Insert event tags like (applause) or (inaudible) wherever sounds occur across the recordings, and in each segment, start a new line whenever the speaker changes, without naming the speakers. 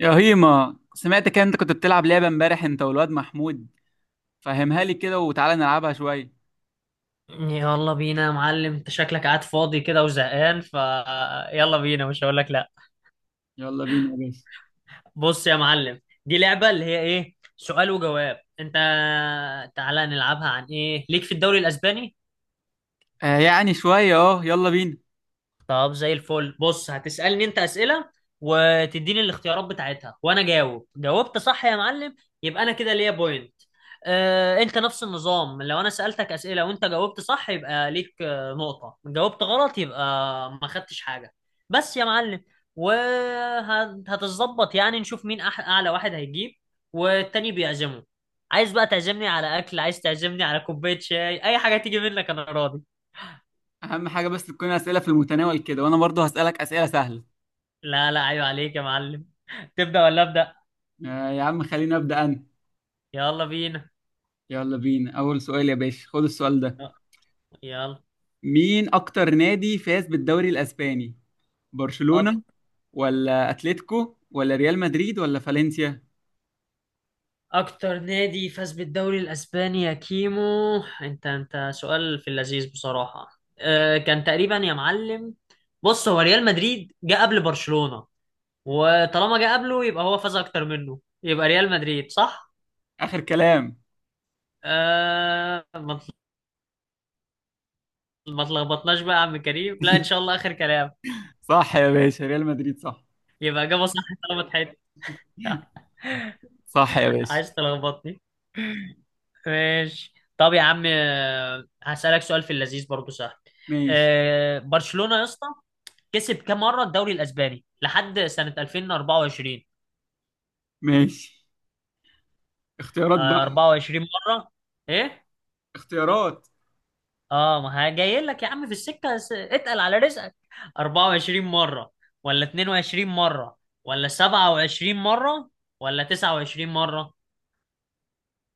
يا هيما، سمعتك انت كنت بتلعب لعبة امبارح انت والواد محمود. فهمها لي كده وتعالى نلعبها شوية.
يلا بينا يا معلم، انت شكلك قاعد فاضي كده وزهقان، ف يلا بينا. مش هقول لك لا.
يلا بينا يا باشا.
بص يا معلم، دي لعبة اللي هي ايه، سؤال وجواب. انت تعالى نلعبها عن ايه ليك في الدوري الاسباني.
آه يعني شوية، اه يلا بينا.
طب زي الفل. بص هتسألني انت أسئلة وتديني الاختيارات بتاعتها وانا جاوب. جاوبت صح يا معلم يبقى انا كده ليا بوينت. اه، انت نفس النظام. لو انا سألتك أسئلة وانت جاوبت صح يبقى ليك نقطة. جاوبت غلط يبقى ما خدتش حاجة بس يا معلم وهتظبط يعني. نشوف مين اعلى واحد هيجيب والتاني بيعزمه. عايز بقى تعزمني على اكل، عايز تعزمني على كوباية شاي، اي حاجة تيجي منك انا راضي.
اهم حاجة بس تكون اسئلة في المتناول كده، وانا برضو هسألك اسئلة سهلة.
لا لا، ايوه عليك يا معلم. (laughs) تبدأ ولا أبدأ؟
آه يا عم، خليني ابدأ انا.
يلا بينا.
يلا بينا. اول سؤال يا باشا، خد السؤال ده.
أه، يلا.
مين اكتر نادي فاز بالدوري الاسباني؟
أك...
برشلونة ولا اتلتيكو ولا ريال مدريد ولا فالنسيا؟
اكتر نادي فاز بالدوري الاسباني يا كيمو. انت سؤال في اللذيذ بصراحة. كان تقريبا يا معلم. بص هو ريال مدريد جه قبل برشلونة، وطالما جه قبله يبقى هو فاز اكتر منه، يبقى ريال مدريد صح.
اخر كلام؟
أه ما تل- ما تلخبطناش بقى يا عم كريم، لا ان شاء
(laughs)
الله اخر كلام.
صح يا باشا، ريال مدريد صح.
يبقى اجابة صح. طالما اتحاد. (laughs)
صح يا باشا.
عايز تلخبطني. ماشي طب يا عم، هسألك سؤال في اللذيذ برضو سهل.
ماشي.
برشلونة يا اسطى كسب كام مرة الدوري الأسباني لحد سنة 2024؟
ماشي. اختيارات بقى.
24 مرة. إيه؟
اختيارات.
آه، ما جاي لك يا عم في السكة. اتقل على رزقك. 24 مرة ولا 22 مرة ولا 27 مرة ولا 29 مرة؟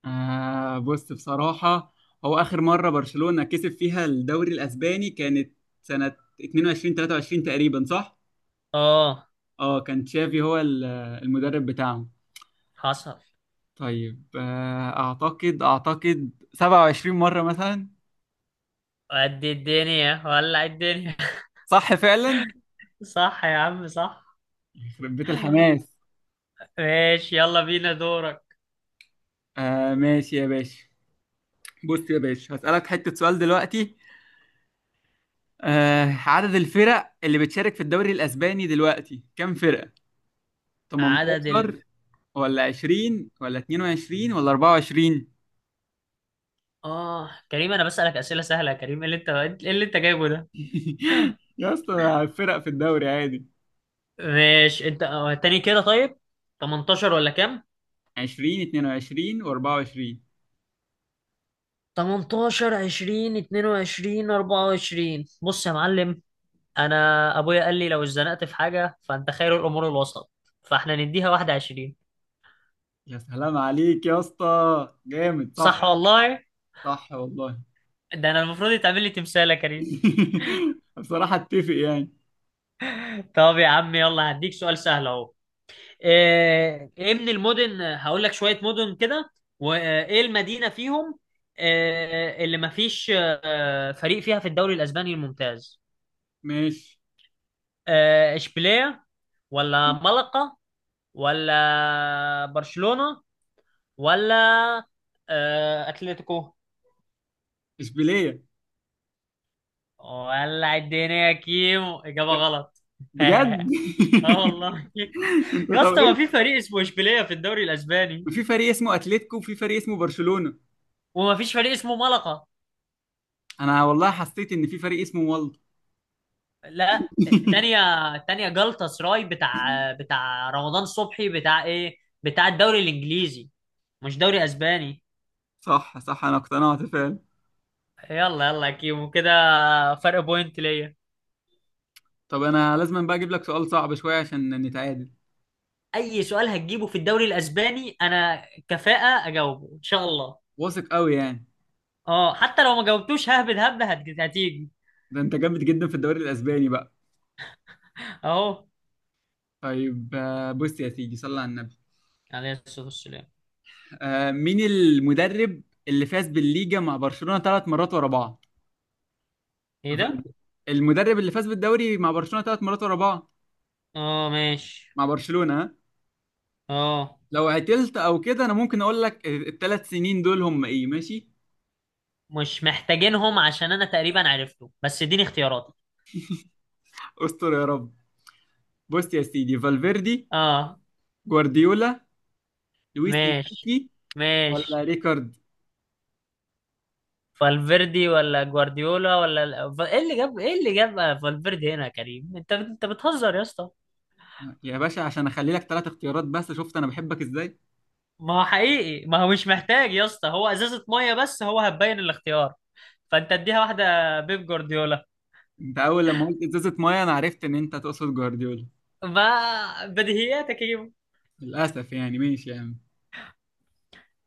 آه، بص بصراحة، هو آخر مرة برشلونة كسب فيها الدوري الأسباني كانت سنة 22 23 تقريبا، صح؟
آه،
اه، كان تشافي هو المدرب بتاعهم.
حصل.
طيب، أعتقد 27 مرة مثلا.
قد الدنيا ولع الدنيا.
صح فعلا؟
صح يا عم صح.
يخرب بيت الحماس.
ماشي يلا بينا دورك.
آه، ماشي يا باشا. بص يا باشا، هسألك حتة سؤال دلوقتي. آه، عدد الفرق اللي بتشارك في الدوري الأسباني دلوقتي كام فرقة؟
عدد ال
18 ولا 20 ولا 22 ولا 24؟
اه كريم انا بسألك أسئلة سهلة يا كريم. ايه اللي انت جايبه ده؟
(laughs) يا اسطى فرق في الدوري عادي.
ماشي انت، تاني كده طيب. 18 ولا كام؟
20، 22 و24.
18، 20، 22، 24. بص يا معلم، انا ابويا قال لي لو اتزنقت في حاجة فانت خير الامور الوسط، فاحنا نديها 21.
يا سلام عليك يا اسطى. جامد، صح.
صح والله.
صح والله.
ده انا المفروض يتعمل لي تمثال يا كريم.
(laughs) بصراحة اتفق يعني.
طب يا عم يلا هديك سؤال سهل اهو. ايه من المدن، هقول لك شوية مدن كده وايه المدينة فيهم اللي مفيش فريق فيها في الدوري الاسباني الممتاز.
ماشي.
اشبيلية ولا ملقا ولا برشلونة ولا اتلتيكو؟
اشبيلية.
ولا الدنيا يا كيمو، اجابة غلط. (laughs)
بجد؟
اه والله.
(laughs) انت
يا
طب
اسطى ما في
ايه؟
فريق اسمه اشبيلية في الدوري الاسباني،
في فريق اسمه اتلتيكو وفي فريق اسمه برشلونة.
وما فيش فريق اسمه ملقا.
انا والله حسيت ان في فريق اسمه، والله.
لا
(laughs)
التانية. التانية جلطة سراي بتاع رمضان صبحي، بتاع ايه، بتاع الدوري الانجليزي مش دوري اسباني.
صح، صح، انا اقتنعت فعلا.
يلا يلا يا كيمو كده. فرق بوينت ليا.
طب انا لازم بقى اجيب لك سؤال صعب شويه عشان نتعادل.
اي سؤال هتجيبه في الدوري الاسباني انا كفاءة اجاوبه ان شاء الله.
واثق قوي يعني؟
اه، حتى لو ما جاوبتوش ههبد هبدة هتيجي.
ده انت جامد جدا في الدوري الاسباني بقى.
اهو.
طيب، بص يا سيدي صلى على النبي.
عليه الصلاة والسلام.
مين المدرب اللي فاز بالليجا مع برشلونه ثلاث مرات ورا بعض؟
ايه ده.
فالدي. المدرب اللي فاز بالدوري مع برشلونه ثلاث مرات ورا بعض.
اه ماشي.
مع برشلونه، ها؟
اه،
لو عتلت او كده، انا ممكن اقول لك الثلاث سنين دول هم ايه، ماشي.
مش محتاجينهم عشان انا تقريبا عرفته بس اديني اختياراتي.
استر يا رب. بص يا سيدي، فالفيردي،
اه
جوارديولا، لويس
ماشي
انريكي، ولا
ماشي.
ريكارد؟
فالفيردي ولا جوارديولا ولا ايه اللي جاب، فالفيردي هنا يا كريم؟ انت بتهزر يا اسطى.
يا باشا عشان اخلي لك ثلاث اختيارات بس، شفت انا بحبك ازاي.
ما هو حقيقي، ما هو مش محتاج يا اسطى، هو ازازة مية بس هو هتبين الاختيار. فانت اديها واحدة بيب جوارديولا.
انت اول لما قلت ازازه ميه، انا عرفت ان انت تقصد جوارديولا.
ما بديهياتك يا كريم.
للاسف يعني، ماشي يا عم.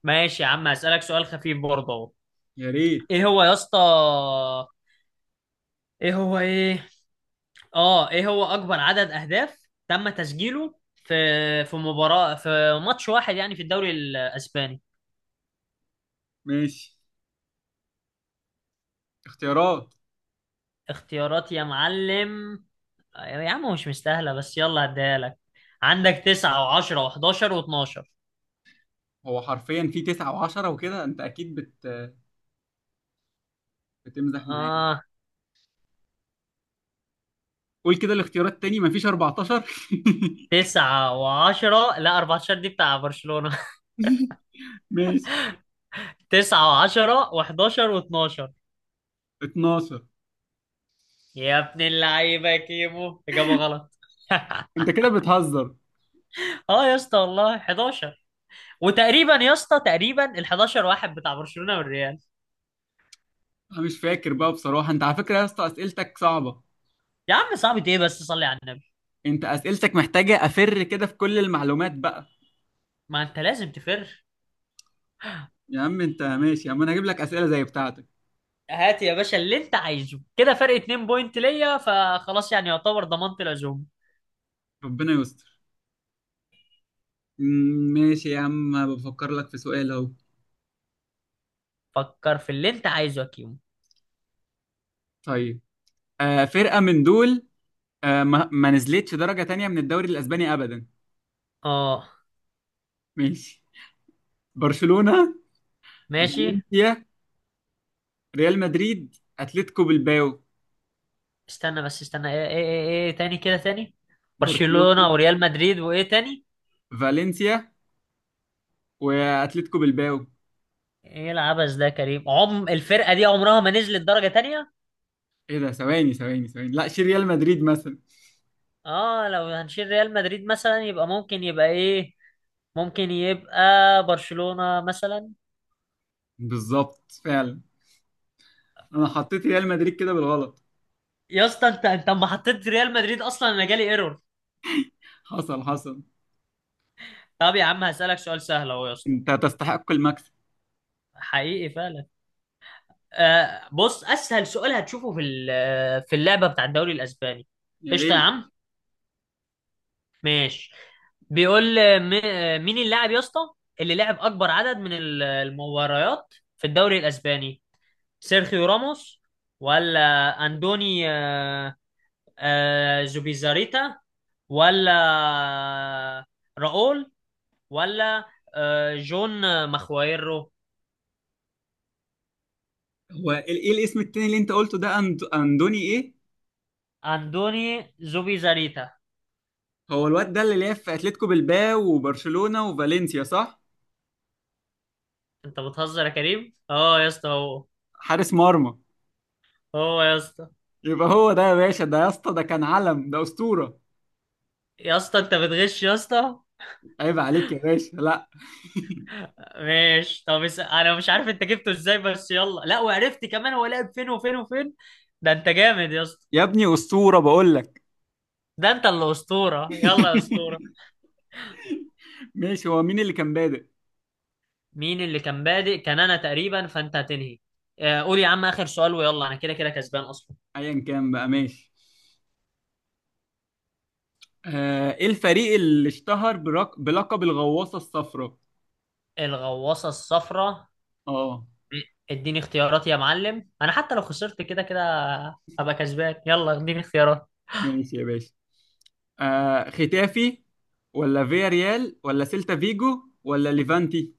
ماشي يا عم هسألك سؤال خفيف برضه اهو.
يا ريت.
ايه هو يا اسطى؟ ايه هو ايه؟ اه، ايه هو اكبر عدد اهداف تم تسجيله في مباراة، في ماتش واحد يعني، في الدوري الاسباني.
ماشي. اختيارات.
اختيارات يا معلم. يا عم مش مستاهلة بس يلا هديها لك. عندك تسعة وعشرة وحداشر واتناشر.
هو حرفيا في تسعة وعشرة وكده، انت اكيد بتمزح معايا.
آه،
قول كده الاختيارات تاني، مفيش 14.
تسعة وعشرة. لا 14 دي بتاع برشلونة.
(laughs) ماشي.
(laughs) تسعة وعشرة وحداشر واتناشر.
12.
يا ابن اللعيبة يا كيمو، إجابة غلط.
انت كده بتهزر.
اه يا اسطى والله 11. وتقريبا يا اسطى تقريبا ال 11 واحد بتاع برشلونة والريال.
انا مش فاكر بقى بصراحة. انت على فكرة يا اسطى اسئلتك صعبة.
يا عم صعب ايه بس، صلي على النبي.
انت اسئلتك محتاجة افر كده في كل المعلومات بقى.
ما انت لازم تفر.
يا عم انت، ماشي يا عم، انا هجيب لك اسئلة زي بتاعتك.
هات يا باشا اللي انت عايزه كده، فرق 2 بوينت ليا، فخلاص يعني يعتبر ضمنت العزوم.
ربنا يستر. ماشي يا عم بفكر لك في سؤال اهو.
فكر في اللي انت عايزه يا كيمو.
طيب. فرقة من دول، ما نزلتش درجة تانية من الدوري الأسباني أبدا.
اه
ماشي. برشلونة،
ماشي.
فالنسيا، ريال مدريد، أتلتيكو بالباو.
استنى بس استنى، ايه ايه ايه، ايه ايه تاني كده تاني. برشلونة
برشلونة،
وريال مدريد وايه تاني؟
فالنسيا، وأتلتيكو بالباو.
ايه العبث ده يا كريم، عم الفرقة دي عمرها ما نزلت درجة تانية.
إيه ده، ثواني ثواني ثواني، لا شيل ريال مدريد مثلا.
اه، لو هنشيل ريال مدريد مثلا يبقى ممكن يبقى ايه، ممكن يبقى برشلونة مثلا.
بالظبط فعلا. أنا حطيت ريال مدريد كده بالغلط.
يا اسطى، انت اما حطيت ريال مدريد اصلا انا جالي ايرور.
حصل، حصل.
طب يا عم هسألك سؤال سهل اهو يا اسطى.
أنت تستحق المكسب.
حقيقي فعلا. آه بص اسهل سؤال هتشوفه في في اللعبه بتاع الدوري الاسباني.
يا
قشطه يا
ريت.
عم. ماشي. بيقول مين اللاعب يا اسطى اللي لعب اكبر عدد من المباريات في الدوري الاسباني؟ سيرخيو راموس ولا اندوني زوبيزاريتا ولا آه، راؤول ولا جون مخوايرو؟
هو ايه الاسم التاني اللي انت قلته ده، اندوني ايه؟
اندوني زوبيزاريتا.
هو الواد ده اللي لعب في اتلتيكو بلباو وبرشلونة وفالنسيا، صح؟
انت بتهزر يا كريم، اه يا اسطى هو.
حارس مرمى.
هو يا اسطى.
يبقى هو ده يا باشا، ده يا اسطى ده كان علم، ده اسطورة.
يا اسطى انت بتغش يا اسطى.
عيب عليك يا باشا، لا.
ماشي طب انا مش عارف انت جبته ازاي بس يلا لا، وعرفت كمان هو لعب فين وفين وفين. ده انت جامد يا اسطى.
يا ابني اسطورة بقول لك.
ده انت اللي اسطوره، يلا يا اسطوره.
(laughs) ماشي، هو مين اللي كان بادئ؟
مين اللي كان بادئ؟ كان انا تقريبا فانت هتنهي. قول يا عم اخر سؤال ويلا انا كده كده كسبان اصلا.
ايا كان بقى، ماشي. ايه الفريق اللي اشتهر بلقب الغواصة الصفراء؟
الغواصه الصفراء.
اه.
اديني اختيارات يا معلم، انا حتى لو خسرت كده كده هبقى كسبان. يلا اديني اختيارات.
ماشي يا باشا. ختافي ولا فياريال ولا سيلتا فيجو ولا ليفانتي؟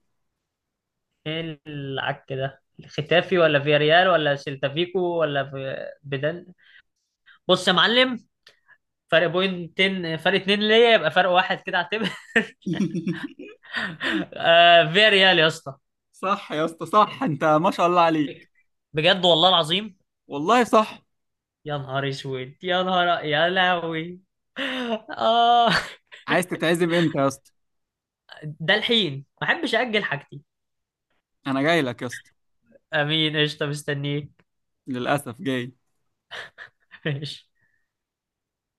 ايه العك ده، ختافي ولا فياريال ولا سيلتا فيكو ولا في بدن. بص يا معلم، فرق بوينتين، فرق اتنين ليا، يبقى فرق واحد كده اعتبر.
(laughs)
(laughs) آه، فياريال يا اسطى.
صح يا اسطى، صح، انت ما شاء الله عليك.
بجد والله العظيم.
والله صح.
يا نهار اسود يا نهار يا لهوي. اه.
عايز تتعزم امتى يا اسطى؟
(laughs) ده الحين ما احبش اجل حاجتي.
انا جاي لك يا اسطى.
امين، قشطه، مستنيك.
للاسف جاي.
(laughs) ماشي.